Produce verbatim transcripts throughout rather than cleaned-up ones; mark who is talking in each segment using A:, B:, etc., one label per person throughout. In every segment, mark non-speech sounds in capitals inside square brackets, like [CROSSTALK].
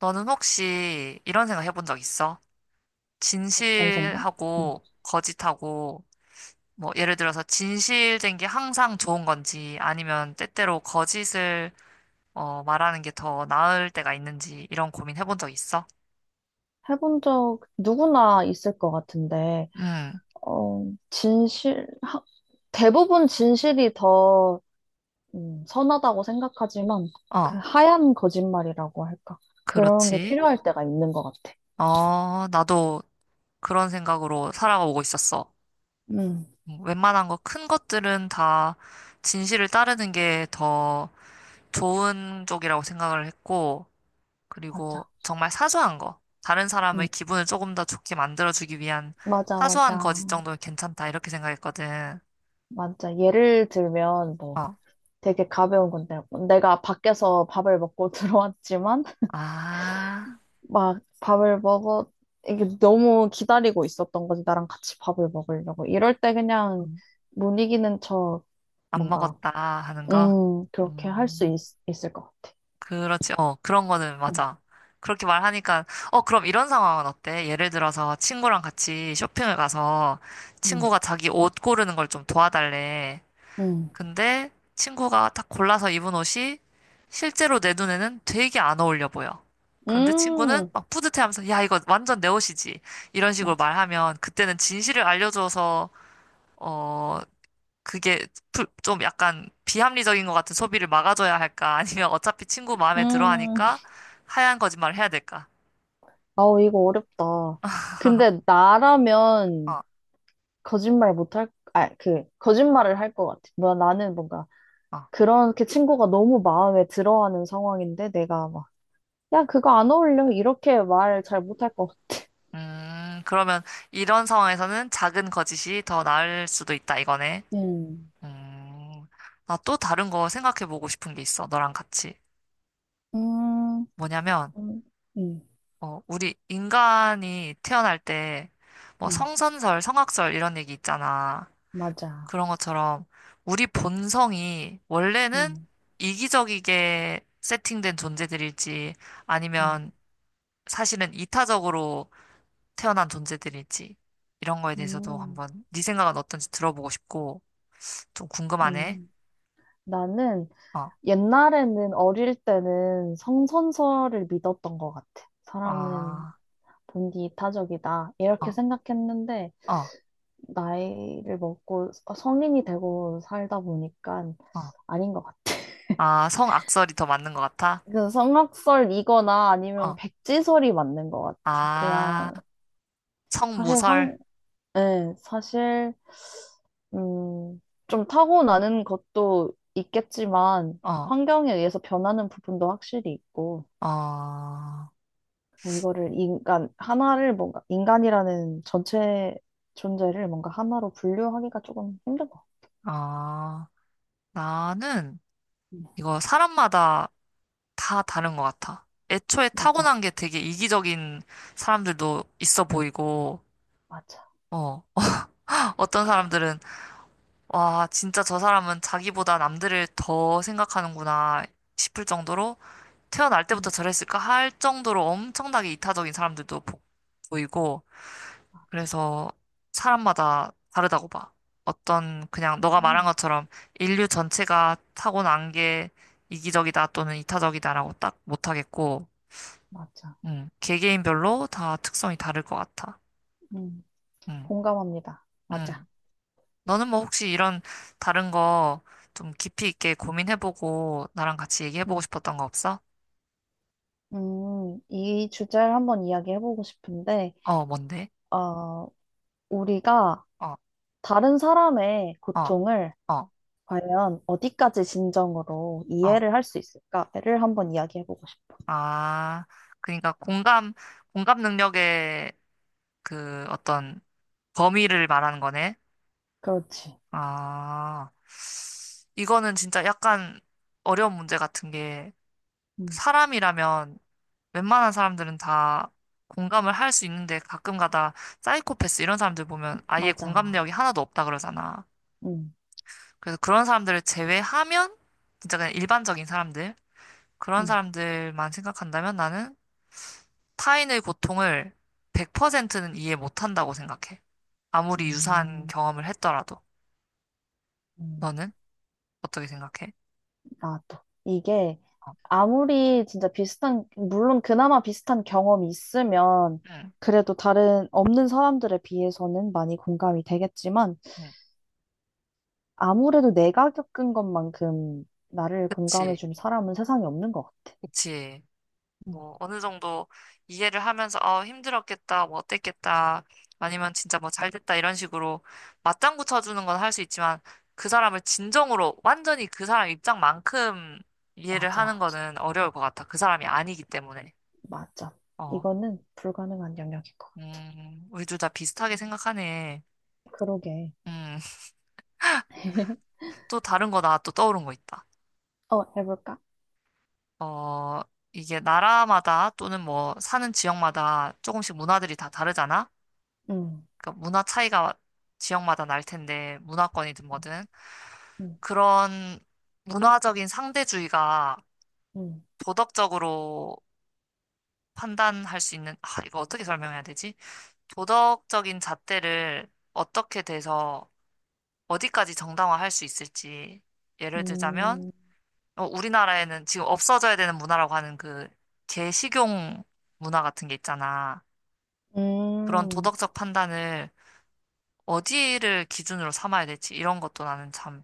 A: 너는 혹시 이런 생각 해본 적 있어?
B: 어떤 생각? 음.
A: 진실하고 거짓하고, 뭐, 예를 들어서 진실된 게 항상 좋은 건지, 아니면 때때로 거짓을, 어, 말하는 게 더 나을 때가 있는지, 이런 고민 해본 적 있어?
B: 해본 적 누구나 있을 것 같은데,
A: 응,
B: 어, 진실, 하- 대부분 진실이 더 음, 선하다고 생각하지만,
A: 어,
B: 그 하얀 거짓말이라고 할까? 그런 게
A: 그렇지.
B: 필요할 때가 있는 것 같아.
A: 어, 나도 그런 생각으로 살아오고 있었어.
B: 음,
A: 음, 웬만한 거 큰 것들은 다 진실을 따르는 게 더 좋은 쪽이라고 생각을 했고,
B: 맞아.
A: 그리고 정말 사소한 거. 다른 사람의
B: 음,
A: 기분을 조금 더 좋게 만들어주기 위한
B: 맞아,
A: 사소한 거짓
B: 맞아.
A: 정도면 괜찮다. 이렇게 생각했거든.
B: 맞아. 예를 들면, 뭐,
A: 어.
B: 되게 가벼운 건데, 내가 밖에서 밥을 먹고 [LAUGHS] 들어왔지만,
A: 아,
B: 막 밥을 먹어 이게 너무 기다리고 있었던 거지 나랑 같이 밥을 먹으려고 이럴 때 그냥
A: 음,
B: 못 이기는 척
A: 안
B: 뭔가
A: 먹었다 하는 거?
B: 음 그렇게 할 수
A: 음,
B: 있을 것 같아.
A: 그렇지. 어, 그런 거는
B: 음,
A: 맞아. 그렇게 말하니까, 어, 그럼 이런 상황은 어때? 예를 들어서 친구랑 같이 쇼핑을 가서
B: 음,
A: 친구가 자기 옷 고르는 걸 좀 도와달래.
B: 음,
A: 근데 친구가 딱 골라서 입은 옷이 실제로 내 눈에는 되게 안 어울려 보여. 그런데 친구는
B: 음,
A: 막 뿌듯해하면서 야 이거 완전 내 옷이지 이런 식으로
B: 맞아.
A: 말하면 그때는 진실을 알려줘서 어 그게 불- 좀 약간 비합리적인 것 같은 소비를 막아줘야 할까 [LAUGHS] 아니면 어차피 친구 마음에 들어
B: 음
A: 하니까
B: [LAUGHS]
A: 하얀 거짓말을 해야 될까?
B: 아우, 이거 어렵다. 근데 나라면
A: 어,
B: 거짓말 못할, 아, 그 거짓말을 할 것 같아. 뭐 나는 뭔가
A: 어.
B: 그렇게 친구가 너무 마음에 들어하는 상황인데 내가 막 야, 그거 안 어울려. 이렇게 말 잘 못할 것.
A: 음, 그러면 이런 상황에서는 작은 거짓이 더 나을 수도 있다 이거네.
B: 음,
A: 음, 나또 다른 거 생각해 보고 싶은 게 있어, 너랑 같이.
B: 음,
A: 뭐냐면,
B: 음, 음,
A: 어, 우리 인간이 태어날 때, 뭐
B: 음,
A: 성선설, 성악설 이런 얘기 있잖아.
B: 맞아.
A: 그런 것처럼 우리 본성이 원래는
B: 음,
A: 이기적이게 세팅된 존재들일지
B: 음,
A: 아니면 사실은 이타적으로 태어난 존재들일지 이런 거에 대해서도
B: 음,
A: 한번 네 생각은 어떤지 들어보고 싶고 좀 궁금하네.
B: 음. 나는
A: 어,
B: 옛날에는 어릴 때는 성선설을 믿었던 것 같아. 사람은
A: 아,
B: 본디 타적이다. 이렇게
A: 어,
B: 생각했는데,
A: 어,
B: 나이를 먹고 성인이 되고 살다 보니까
A: 어.
B: 아닌 것 같아.
A: 아, 성악설이 더 맞는 것 같아?
B: 그 성악설이거나 아니면
A: 어.
B: 백지설이 맞는 것 같아.
A: 아,
B: 그냥 사실
A: 성무설?
B: 네, 사실, 음, 좀 타고나는 것도 있겠지만,
A: 어,
B: 환경에 의해서 변하는 부분도 확실히 있고,
A: 어,
B: 이거를 인간, 하나를 뭔가, 인간이라는 전체 존재를 뭔가 하나로 분류하기가 조금 힘든 것 같아요.
A: 어. 나는
B: 음,
A: 이거 사람마다 다 다른 것 같아. 애초에
B: 맞아,
A: 타고난 게 되게 이기적인 사람들도 있어 보이고,
B: 맞아,
A: 어. 어떤 사람들은, 와, 진짜 저 사람은 자기보다 남들을 더 생각하는구나 싶을 정도로 태어날 때부터
B: 음,
A: 저랬을까 할 정도로 엄청나게 이타적인 사람들도 보- 보이고,
B: 맞아,
A: 그래서 사람마다 다르다고 봐. 어떤 그냥 너가 말한
B: 음,
A: 것처럼 인류 전체가 타고난 게 이기적이다 또는 이타적이다라고 딱 못하겠고,
B: 맞아,
A: 음, 개개인별로 다 특성이 다를 것 같아.
B: 음,
A: 음,
B: 공감합니다. 맞아.
A: 음. 너는 뭐 혹시 이런 다른 거 좀 깊이 있게 고민해보고 나랑 같이 얘기해보고
B: 음,
A: 싶었던 거 없어?
B: 음, 이 주제를 한번 이야기해보고 싶은데,
A: 어, 뭔데?
B: 어, 우리가
A: 어,
B: 다른 사람의
A: 어,
B: 고통을
A: 어,
B: 과연 어디까지 진정으로
A: 어.
B: 이해를 할 수 있을까를 한번 이야기해보고 싶어.
A: 아, 그러니까 공감, 공감 능력의 그 어떤 범위를 말하는 거네.
B: 그렇지.
A: 아, 이거는 진짜 약간 어려운 문제 같은 게
B: 음,
A: 사람이라면 웬만한 사람들은 다 공감을 할 수 있는데 가끔가다 사이코패스 이런 사람들 보면 아예 공감 내역이
B: 맞아.
A: 하나도 없다 그러잖아.
B: 음,
A: 그래서 그런 사람들을 제외하면 진짜 그냥 일반적인 사람들, 그런
B: 음,
A: 사람들만 생각한다면 나는 타인의 고통을 백 퍼센트는 이해 못한다고 생각해. 아무리 유사한
B: 음,
A: 경험을 했더라도.
B: 음,
A: 너는 어떻게 생각해?
B: 나도. 이게
A: 어.
B: 아무리 진짜 비슷한, 물론 그나마 비슷한 경험이 있으면
A: 응.
B: 그래도 다른 없는 사람들에 비해서는 많이 공감이 되겠지만
A: 응.
B: 아무래도 내가 겪은 것만큼 나를
A: 그치,
B: 공감해준 사람은 세상에 없는 것 같아.
A: 그치.
B: 음,
A: 뭐, 어느 정도 이해를 하면서, 어, 힘들었겠다, 뭐, 어땠겠다, 아니면 진짜 뭐, 잘 됐다, 이런 식으로 맞장구 쳐주는 건 할 수 있지만, 그 사람을 진정으로, 완전히 그 사람 입장만큼 이해를 하는
B: 맞아.
A: 거는 어려울 것 같아. 그 사람이 아니기 때문에.
B: 맞아.
A: 어,
B: 이거는 불가능한 영역인 것 같아.
A: 음, 우리 둘 다 비슷하게 생각하네.
B: 그러게.
A: 음, [LAUGHS]
B: [LAUGHS]
A: 또 다른 거 나 또 떠오른 거 있다.
B: 어, 해볼까?
A: 어, 이게 나라마다 또는 뭐, 사는 지역마다 조금씩 문화들이 다 다르잖아?
B: 응.
A: 그러니까 문화 차이가 지역마다 날 텐데 문화권이든
B: 맞아.
A: 뭐든
B: 응,
A: 그런 문화적인 상대주의가
B: 응,
A: 도덕적으로 판단할 수 있는 아 이거 어떻게 설명해야 되지? 도덕적인 잣대를 어떻게 돼서 어디까지 정당화할 수 있을지 예를 들자면
B: 음,
A: 어, 우리나라에는 지금 없어져야 되는 문화라고 하는 그 개식용 문화 같은 게 있잖아. 그런
B: 음,
A: 도덕적 판단을 어디를 기준으로 삼아야 될지 이런 것도 나는 참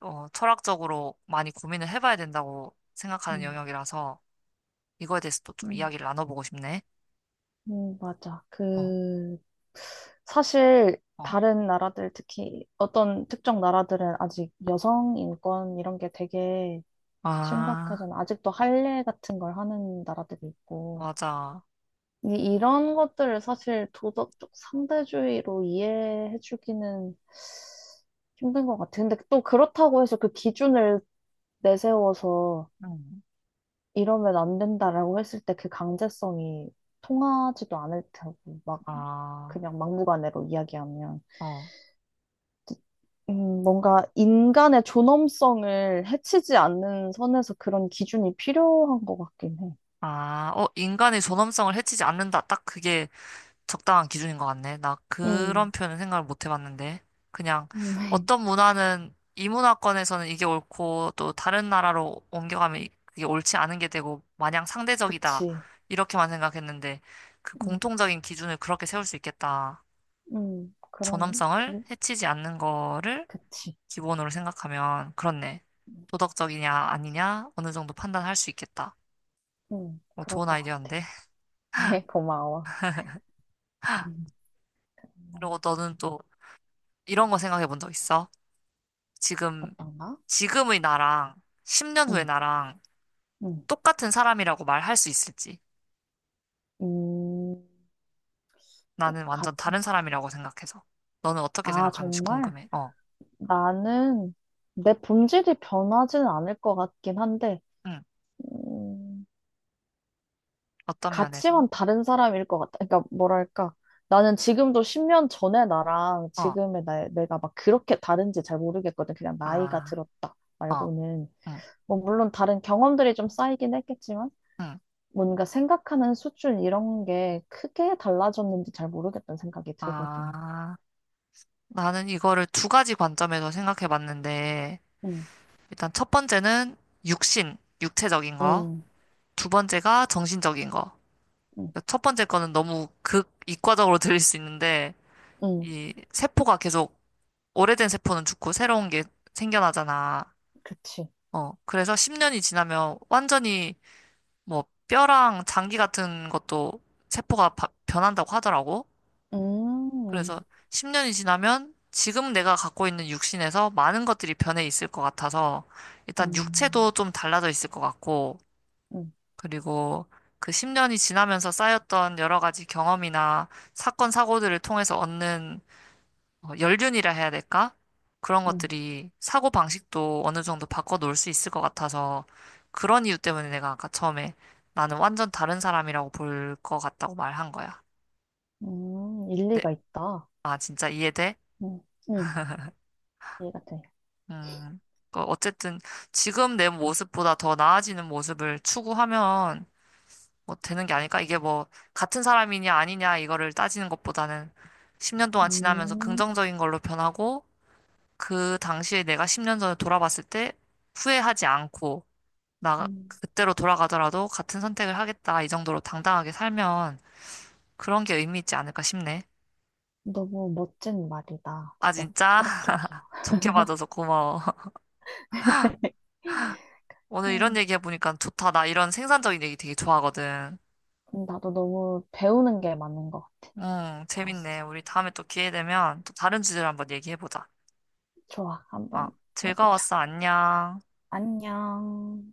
A: 어, 철학적으로 많이 고민을 해봐야 된다고 생각하는
B: 음,
A: 영역이라서 이거에 대해서 또 좀
B: 음,
A: 이야기를 나눠보고 싶네.
B: 음, 맞아.
A: 어,
B: 그, 사실,
A: 어.
B: 다른 나라들, 특히 어떤 특정 나라들은 아직 여성 인권 이런 게 되게
A: 아,
B: 심각하잖아. 아직도 할례 같은 걸 하는 나라들이 있고.
A: 맞아.
B: 이- 이런 것들을 사실 도덕적 상대주의로 이해해주기는 힘든 것 같아요. 근데 또 그렇다고 해서 그 기준을 내세워서
A: 음.
B: 이러면 안 된다라고 했을 때 그 강제성이 통하지도 않을 테고, 막
A: 아,
B: 그냥 막무가내로 이야기하면.
A: 어.
B: 음, 뭔가 인간의 존엄성을 해치지 않는 선에서 그런 기준이 필요한 것 같긴 해.
A: 아, 어, 인간의 존엄성을 해치지 않는다. 딱 그게 적당한 기준인 것 같네. 나 그런
B: 음,
A: 표현은 생각을 못 해봤는데. 그냥
B: 음, [LAUGHS]
A: 어떤 문화는 이 문화권에서는 이게 옳고 또 다른 나라로 옮겨가면 이- 그게 옳지 않은 게 되고 마냥 상대적이다.
B: 그치.
A: 이렇게만 생각했는데 그
B: 음,
A: 공통적인 기준을 그렇게 세울 수 있겠다.
B: 음, 그런,
A: 존엄성을
B: 그,
A: 해치지 않는 거를
B: 그치.
A: 기본으로 생각하면 그렇네. 도덕적이냐 아니냐 어느 정도 판단할 수 있겠다.
B: 응,
A: 어,
B: 그럴
A: 좋은
B: 것 같아.
A: 아이디어인데.
B: [LAUGHS] 고마워. 음,
A: 그리고 너는 또 이런 거 생각해 본 적 있어? 지금
B: 어떤가?
A: 지금의 나랑 십 년 후의
B: 응,
A: 나랑
B: 응.
A: 똑같은 사람이라고 말할 수 있을지.
B: 음, 또
A: 나는 완전
B: 같은
A: 다른
B: 사람.
A: 사람이라고 생각해서. 너는 어떻게
B: 아,
A: 생각하는지
B: 정말?
A: 궁금해. 어,
B: 나는 내 본질이 변하지는 않을 것 같긴 한데,
A: 응.
B: 음,
A: 어떤 면에서?
B: 가치만 다른 사람일 것 같아. 그러니까, 뭐랄까. 나는 지금도 십 년 전의 나랑
A: 어,
B: 지금의 나, 내가 막 그렇게 다른지 잘 모르겠거든. 그냥 나이가
A: 아,
B: 들었다
A: 어,
B: 말고는.
A: 응,
B: 뭐, 물론 다른 경험들이 좀 쌓이긴 했겠지만,
A: 응.
B: 뭔가 생각하는 수준 이런 게 크게 달라졌는지 잘 모르겠다는 생각이 들거든.
A: 아, 나는 이거를 두 가지 관점에서 생각해 봤는데,
B: 응,
A: 일단 첫 번째는 육신, 육체적인 거.
B: 응,
A: 두 번째가 정신적인 거.
B: 응,
A: 첫 번째 거는 너무 극 이과적으로 들릴 수 있는데,
B: 응,
A: 이 세포가 계속 오래된 세포는 죽고 새로운 게 생겨나잖아.
B: 그치.
A: 어, 그래서 십 년이 지나면 완전히 뭐 뼈랑 장기 같은 것도 세포가 바- 변한다고 하더라고. 그래서
B: 음,
A: 십 년이 지나면 지금 내가 갖고 있는 육신에서 많은 것들이 변해 있을 것 같아서 일단
B: 음,
A: 육체도 좀 달라져 있을 것 같고,
B: 음,
A: 그리고 그 십 년이 지나면서 쌓였던 여러 가지 경험이나 사건, 사고들을 통해서 얻는 어, 연륜이라 해야 될까? 그런
B: 음,
A: 것들이 사고 방식도 어느 정도 바꿔 놓을 수 있을 것 같아서 그런 이유 때문에 내가 아까 처음에 나는 완전 다른 사람이라고 볼 것 같다고 말한 거야.
B: 음,
A: 네.
B: 일리가 있다.
A: 아, 진짜 이해돼?
B: 응, 응, 이해가 돼.
A: 음, 그 어쨌든 지금 내 모습보다 더 나아지는 모습을 추구하면 뭐 되는 게 아닐까? 이게 뭐 같은 사람이냐 아니냐 이거를 따지는 것보다는 십 년 동안 지나면서
B: 음,
A: 긍정적인 걸로 변하고 그 당시에 내가 십 년 전에 돌아봤을 때 후회하지 않고 나
B: 음,
A: 그때로 돌아가더라도 같은 선택을 하겠다 이 정도로 당당하게 살면 그런 게 의미 있지 않을까 싶네.
B: 너무 멋진 말이다.
A: 아
B: 진짜
A: 진짜
B: 철학적이야.
A: [LAUGHS] 좋게 봐줘서 고마워. [LAUGHS]
B: [LAUGHS]
A: 오늘 이런
B: 음,
A: 얘기 해보니까 좋다. 나 이런 생산적인 얘기 되게 좋아하거든.
B: 나도 너무 배우는 게 많은 것 같아.
A: 응, 재밌네.
B: 좋았어.
A: 우리 다음에 또 기회 되면 또 다른 주제로 한번 얘기해보자.
B: 좋아, 한번
A: 어,
B: 해보자.
A: 즐거웠어. 안녕.
B: 안녕.